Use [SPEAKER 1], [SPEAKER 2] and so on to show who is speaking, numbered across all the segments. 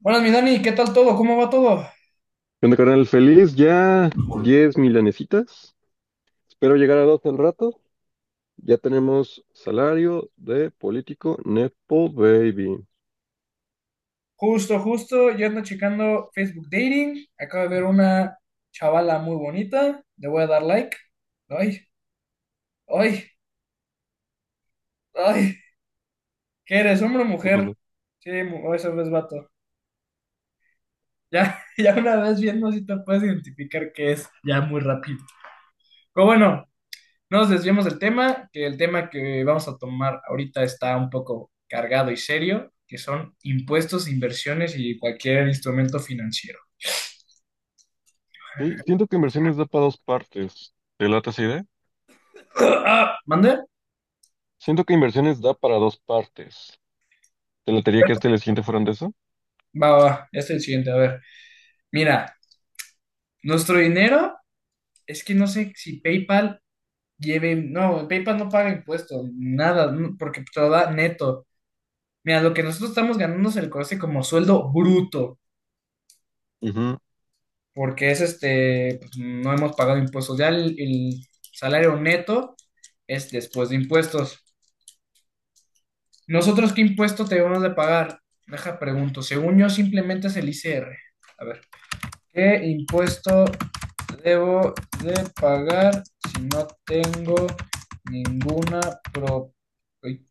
[SPEAKER 1] Buenas, mi Dani, ¿qué tal todo? ¿Cómo va todo?
[SPEAKER 2] ¿Qué onda, carnal? Feliz, ya 10 milanesitas. Espero llegar a 12 al rato. Ya tenemos salario de político Nepo Baby.
[SPEAKER 1] Justo, justo, yo ando checando Facebook Dating. Acabo de ver una chavala muy bonita. Le voy a dar like. Ay, ay, ay. ¿Qué eres, hombre o
[SPEAKER 2] ¿Qué
[SPEAKER 1] mujer?
[SPEAKER 2] pasó?
[SPEAKER 1] Sí, oh, eso es vato. Ya, ya una vez viendo si te puedes identificar qué es, ya muy rápido. Pero bueno, no nos desviemos del tema, que el tema que vamos a tomar ahorita está un poco cargado y serio, que son impuestos, inversiones y cualquier instrumento financiero.
[SPEAKER 2] Sí, siento que inversiones da para dos partes. ¿Te late esa idea?
[SPEAKER 1] Ah, ¿mande?
[SPEAKER 2] Siento que inversiones da para dos partes. ¿Te latería que este y el siguiente fueran de eso?
[SPEAKER 1] Va, va, va. Ya está el siguiente. A ver, mira, nuestro dinero es que no sé si PayPal lleve, no, PayPal no paga impuestos, nada, no, porque te lo da neto. Mira, lo que nosotros estamos ganando se le conoce como sueldo bruto,
[SPEAKER 2] Ujú.
[SPEAKER 1] porque es este, pues, no hemos pagado impuestos. Ya el salario neto es después de impuestos. ¿Nosotros qué impuesto debemos de pagar? Deja pregunto, según yo simplemente es el ICR. A ver. ¿Qué impuesto debo de pagar si no tengo ninguna pro-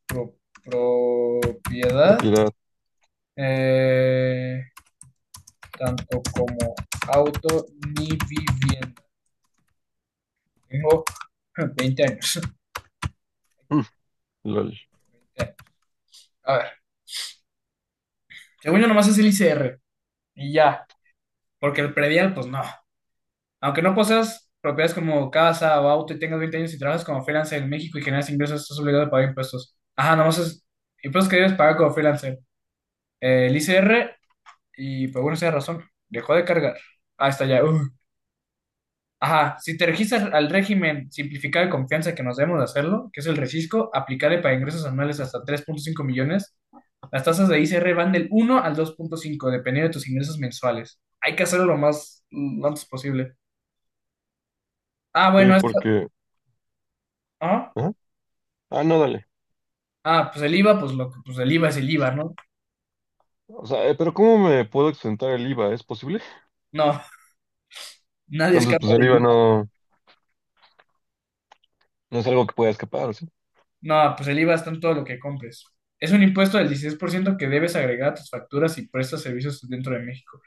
[SPEAKER 1] pro- propiedad,
[SPEAKER 2] Propiedad.
[SPEAKER 1] eh, tanto como auto ni vivienda? Tengo 20 años.
[SPEAKER 2] Mm, lol.
[SPEAKER 1] A ver, según yo nomás es el ICR y ya, porque el predial, pues no. Aunque no poseas propiedades como casa o auto y tengas 20 años y trabajas como freelancer en México y generas ingresos, estás obligado a pagar impuestos. Ajá, nomás es impuestos que debes pagar como freelancer. El ICR y por alguna sea razón, dejó de cargar. Ah, está ya. Ajá, si te registras al régimen simplificado de confianza que nos debemos de hacerlo, que es el recisco, aplicable para ingresos anuales hasta 3.5 millones, las tasas de ICR van del 1 al 2.5 dependiendo de tus ingresos mensuales. Hay que hacerlo lo más, lo antes posible. Ah,
[SPEAKER 2] Sí,
[SPEAKER 1] bueno, esto,
[SPEAKER 2] porque...
[SPEAKER 1] ¿ah?
[SPEAKER 2] ¿Ah? Ah, no, dale.
[SPEAKER 1] Ah, pues el IVA, pues lo que, pues el IVA es el IVA, ¿no?
[SPEAKER 2] O sea, pero ¿cómo me puedo exentar el IVA? ¿Es posible?
[SPEAKER 1] No, nadie
[SPEAKER 2] Entonces,
[SPEAKER 1] escapa
[SPEAKER 2] pues el
[SPEAKER 1] del
[SPEAKER 2] IVA
[SPEAKER 1] IVA.
[SPEAKER 2] no, no es algo que pueda escapar, ¿sí?
[SPEAKER 1] No, pues el IVA está en todo lo que compres. Es un impuesto del 16% que debes agregar a tus facturas y prestas servicios dentro de México.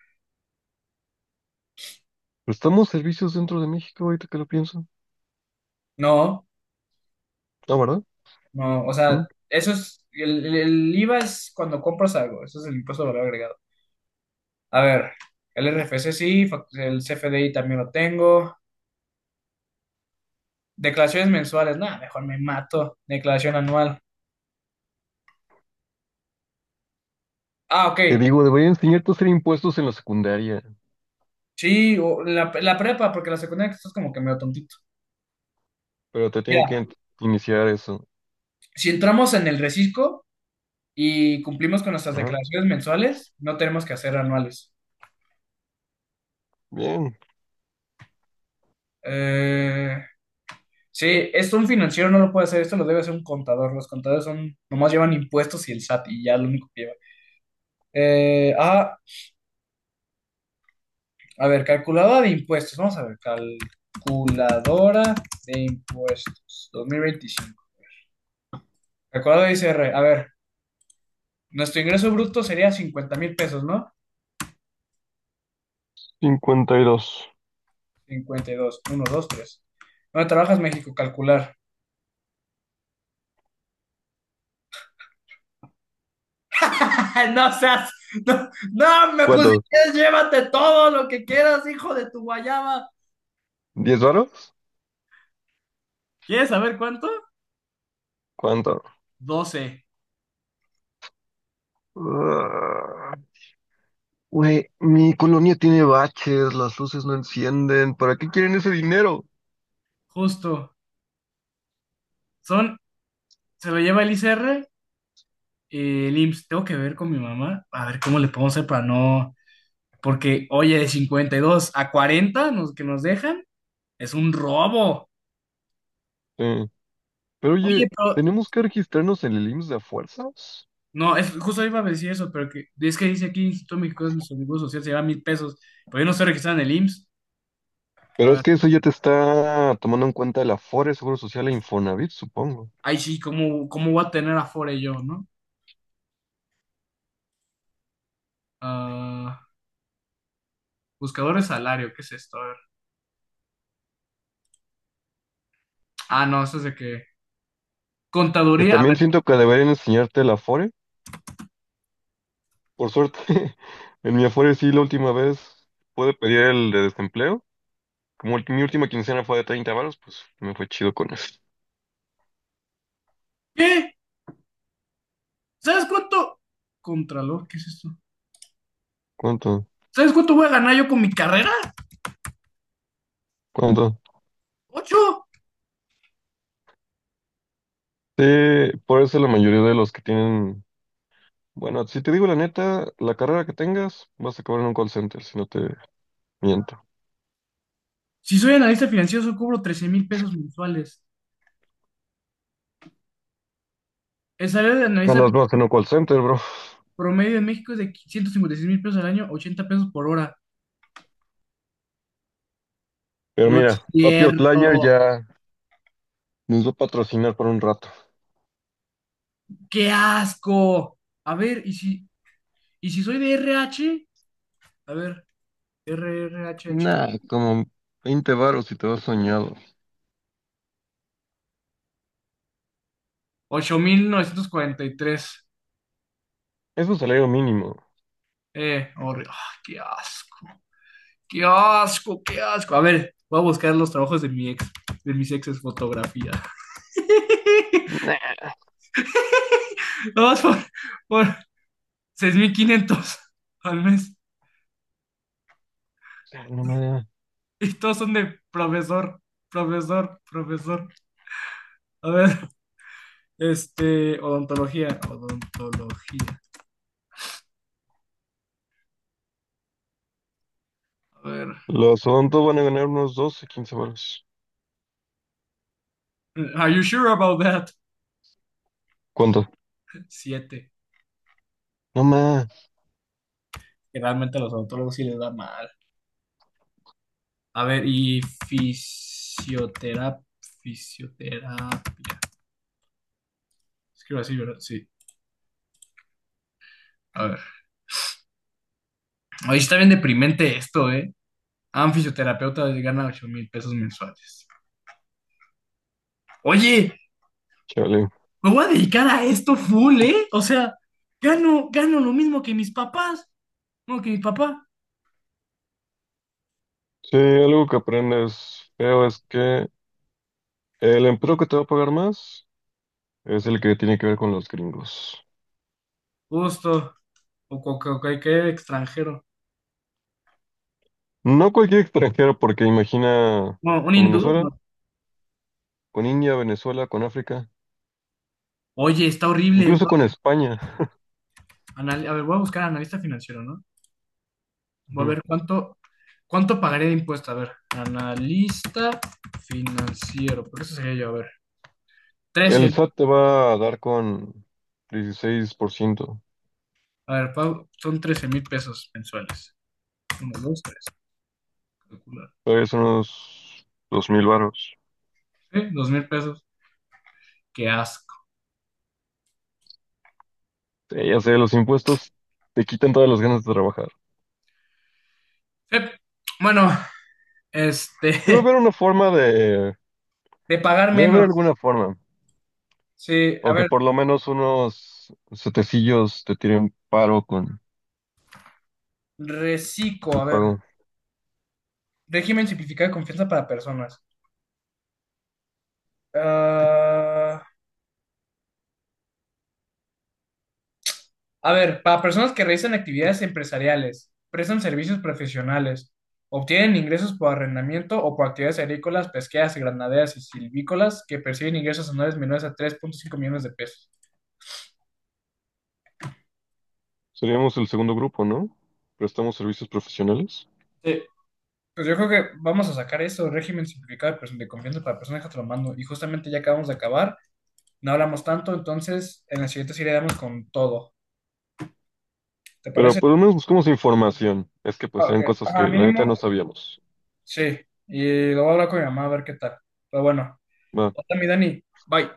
[SPEAKER 2] Prestamos servicios dentro de México, ahorita que lo pienso.
[SPEAKER 1] No,
[SPEAKER 2] Ah, ¿verdad?
[SPEAKER 1] no, o sea,
[SPEAKER 2] ¿Mm?
[SPEAKER 1] eso es, el IVA es cuando compras algo, eso es el impuesto de valor agregado. A ver, el RFC sí, el CFDI también lo tengo. Declaraciones mensuales, nada, mejor me mato. Declaración anual. Ah, ok,
[SPEAKER 2] Te digo, debería enseñarte a hacer impuestos en la secundaria,
[SPEAKER 1] sí, o la prepa, porque la secundaria estás como que medio tontito.
[SPEAKER 2] pero te tiene que iniciar eso.
[SPEAKER 1] Si entramos en el recisco y cumplimos con nuestras
[SPEAKER 2] Ajá.
[SPEAKER 1] declaraciones mensuales, no tenemos que hacer anuales.
[SPEAKER 2] Bien,
[SPEAKER 1] Eh, sí, esto un financiero no lo puede hacer, esto lo debe hacer un contador. Los contadores son, nomás llevan impuestos y el SAT y ya lo único que lleva. Ah, a ver, calculadora de impuestos. Vamos a ver, calculadora de impuestos 2025. Calculadora de I C R. A ver, nuestro ingreso bruto sería 50,000 pesos, ¿no?
[SPEAKER 2] 52.
[SPEAKER 1] 52, 1, 2, 3. ¿Dónde trabajas, México? Calcular. Ay, no seas, no, no me
[SPEAKER 2] ¿Cuánto?
[SPEAKER 1] pusiste, llévate todo lo que quieras, hijo de tu guayaba.
[SPEAKER 2] ¿10 varos?
[SPEAKER 1] ¿Quieres saber cuánto?
[SPEAKER 2] ¿Cuánto?
[SPEAKER 1] Doce
[SPEAKER 2] Ah, güey, mi colonia tiene baches, las luces no encienden. ¿Para qué quieren ese dinero?
[SPEAKER 1] justo. Son, se lo lleva el ICR, el IMSS. Tengo que ver con mi mamá, a ver cómo le podemos hacer para no. Porque, oye, de 52 a 40 nos, que nos dejan, es un robo.
[SPEAKER 2] Eh, pero
[SPEAKER 1] Oye,
[SPEAKER 2] oye,
[SPEAKER 1] pero.
[SPEAKER 2] ¿tenemos que registrarnos en el IMSS de a fuerzas?
[SPEAKER 1] No, es, justo iba a decir eso, pero que, es que dice aquí Instituto Mexicano de Seguro Social se lleva 1,000 pesos, pero yo no estoy registrado en el IMSS. A
[SPEAKER 2] Pero es
[SPEAKER 1] ver.
[SPEAKER 2] que eso ya te está tomando en cuenta el Afore, Seguro Social e Infonavit, supongo.
[SPEAKER 1] Ay, sí, ¿cómo voy a tener Afore yo, no? Ah, buscador de salario, ¿qué es esto? A ver. Ah, no, eso es de que.
[SPEAKER 2] Que
[SPEAKER 1] Contaduría, a
[SPEAKER 2] también
[SPEAKER 1] ver.
[SPEAKER 2] siento que deberían enseñarte el Afore. Por suerte, en mi Afore sí, la última vez pude pedir el de desempleo. Como mi última quincena fue de 30 varos, pues me fue chido con eso.
[SPEAKER 1] ¿Qué? ¿Sabes cuánto? Contralor, ¿qué es esto?
[SPEAKER 2] ¿Cuánto?
[SPEAKER 1] ¿Sabes cuánto voy a ganar yo con mi carrera?
[SPEAKER 2] ¿Cuánto?
[SPEAKER 1] ¡Ocho!
[SPEAKER 2] Sí, por eso la mayoría de los que tienen... Bueno, si te digo la neta, la carrera que tengas, vas a acabar en un call center, si no te miento.
[SPEAKER 1] Si soy analista financiero, solo cobro 13,000 pesos mensuales. El salario de
[SPEAKER 2] Ganas más en un call center, bro.
[SPEAKER 1] promedio en México es de 156,000 pesos al año, 80 pesos por hora.
[SPEAKER 2] Pero
[SPEAKER 1] No
[SPEAKER 2] mira,
[SPEAKER 1] es
[SPEAKER 2] Papi Outlier
[SPEAKER 1] cierto.
[SPEAKER 2] ya nos va a patrocinar por un rato.
[SPEAKER 1] ¡Qué asco! A ver, ¿y si soy de RH? A ver, RRHH.
[SPEAKER 2] Nah, como 20 varos si te vas soñado.
[SPEAKER 1] 8,943.
[SPEAKER 2] Es un salario mínimo.
[SPEAKER 1] Ah, qué asco, qué asco, qué asco. A ver, voy a buscar los trabajos de mi ex, de mis exes fotografía.
[SPEAKER 2] Nah,
[SPEAKER 1] Vamos por 6,500 al mes.
[SPEAKER 2] no más.
[SPEAKER 1] Y todos son de profesor, profesor, profesor. A ver, este, odontología, odontología. A ver,
[SPEAKER 2] Los odontos van a ganar unos 12, 15 baros.
[SPEAKER 1] are you sure about that?
[SPEAKER 2] ¿Cuánto?
[SPEAKER 1] Siete.
[SPEAKER 2] No más.
[SPEAKER 1] Que realmente a los odontólogos sí les da mal. A ver, y fisioterapia. Fisioterapia. Escribo así, ¿verdad? Sí. A ver. Oye, está bien deprimente esto, ¿eh? A un fisioterapeuta gana 8,000 pesos mensuales. Oye,
[SPEAKER 2] Chale.
[SPEAKER 1] me voy a dedicar a esto full, ¿eh? O sea, gano, gano lo mismo que mis papás. No, que mi papá.
[SPEAKER 2] Sí, algo que aprendes feo es que el empleo que te va a pagar más es el que tiene que ver con los gringos.
[SPEAKER 1] Justo. O cualquier extranjero.
[SPEAKER 2] No cualquier extranjero, porque imagina
[SPEAKER 1] No, un
[SPEAKER 2] con
[SPEAKER 1] hindú,
[SPEAKER 2] Venezuela,
[SPEAKER 1] no.
[SPEAKER 2] con India, Venezuela, con África,
[SPEAKER 1] Oye, está horrible.
[SPEAKER 2] incluso con España.
[SPEAKER 1] A ver, voy a buscar analista financiero, ¿no? Voy a
[SPEAKER 2] Ujú.
[SPEAKER 1] ver cuánto pagaré de impuesto. A ver, analista financiero. Por eso sería yo. A ver,
[SPEAKER 2] El
[SPEAKER 1] trece.
[SPEAKER 2] SAT te va a dar con 16%.
[SPEAKER 1] A ver, son 13,000 pesos mensuales. Uno, dos, tres. Calcular.
[SPEAKER 2] Todavía son unos 2 mil varos.
[SPEAKER 1] Sí, 2,000 pesos. Qué asco.
[SPEAKER 2] Ya sé, los impuestos te quitan todas las ganas de trabajar.
[SPEAKER 1] Sí. Bueno,
[SPEAKER 2] Debe
[SPEAKER 1] este,
[SPEAKER 2] haber una forma de...
[SPEAKER 1] de pagar
[SPEAKER 2] Debe haber
[SPEAKER 1] menos.
[SPEAKER 2] alguna forma.
[SPEAKER 1] Sí, a
[SPEAKER 2] O que
[SPEAKER 1] ver,
[SPEAKER 2] por lo menos unos setecillos te tiren paro con
[SPEAKER 1] reciclo.
[SPEAKER 2] el
[SPEAKER 1] A ver,
[SPEAKER 2] pago.
[SPEAKER 1] régimen simplificado de confianza para personas. Ah, a ver, para personas que realizan actividades empresariales, prestan servicios profesionales, obtienen ingresos por arrendamiento o por actividades agrícolas, pesqueras, granaderas y silvícolas que perciben ingresos anuales menores a 3.5 millones de pesos.
[SPEAKER 2] Seríamos el segundo grupo, ¿no? Prestamos servicios profesionales.
[SPEAKER 1] Sí. Pues yo creo que vamos a sacar eso, régimen simplificado de de confianza para personas que te lo mando. Y justamente ya acabamos de acabar, no hablamos tanto, entonces en la siguiente sí le damos con todo. ¿Te
[SPEAKER 2] Pero
[SPEAKER 1] parece?
[SPEAKER 2] por lo menos buscamos información. Es que pues
[SPEAKER 1] Ok,
[SPEAKER 2] eran cosas que
[SPEAKER 1] ajá,
[SPEAKER 2] la neta no
[SPEAKER 1] mínimo,
[SPEAKER 2] sabíamos.
[SPEAKER 1] sí. Y lo voy a hablar con mi mamá a ver qué tal. Pero bueno,
[SPEAKER 2] Va.
[SPEAKER 1] hasta mi Dani, bye.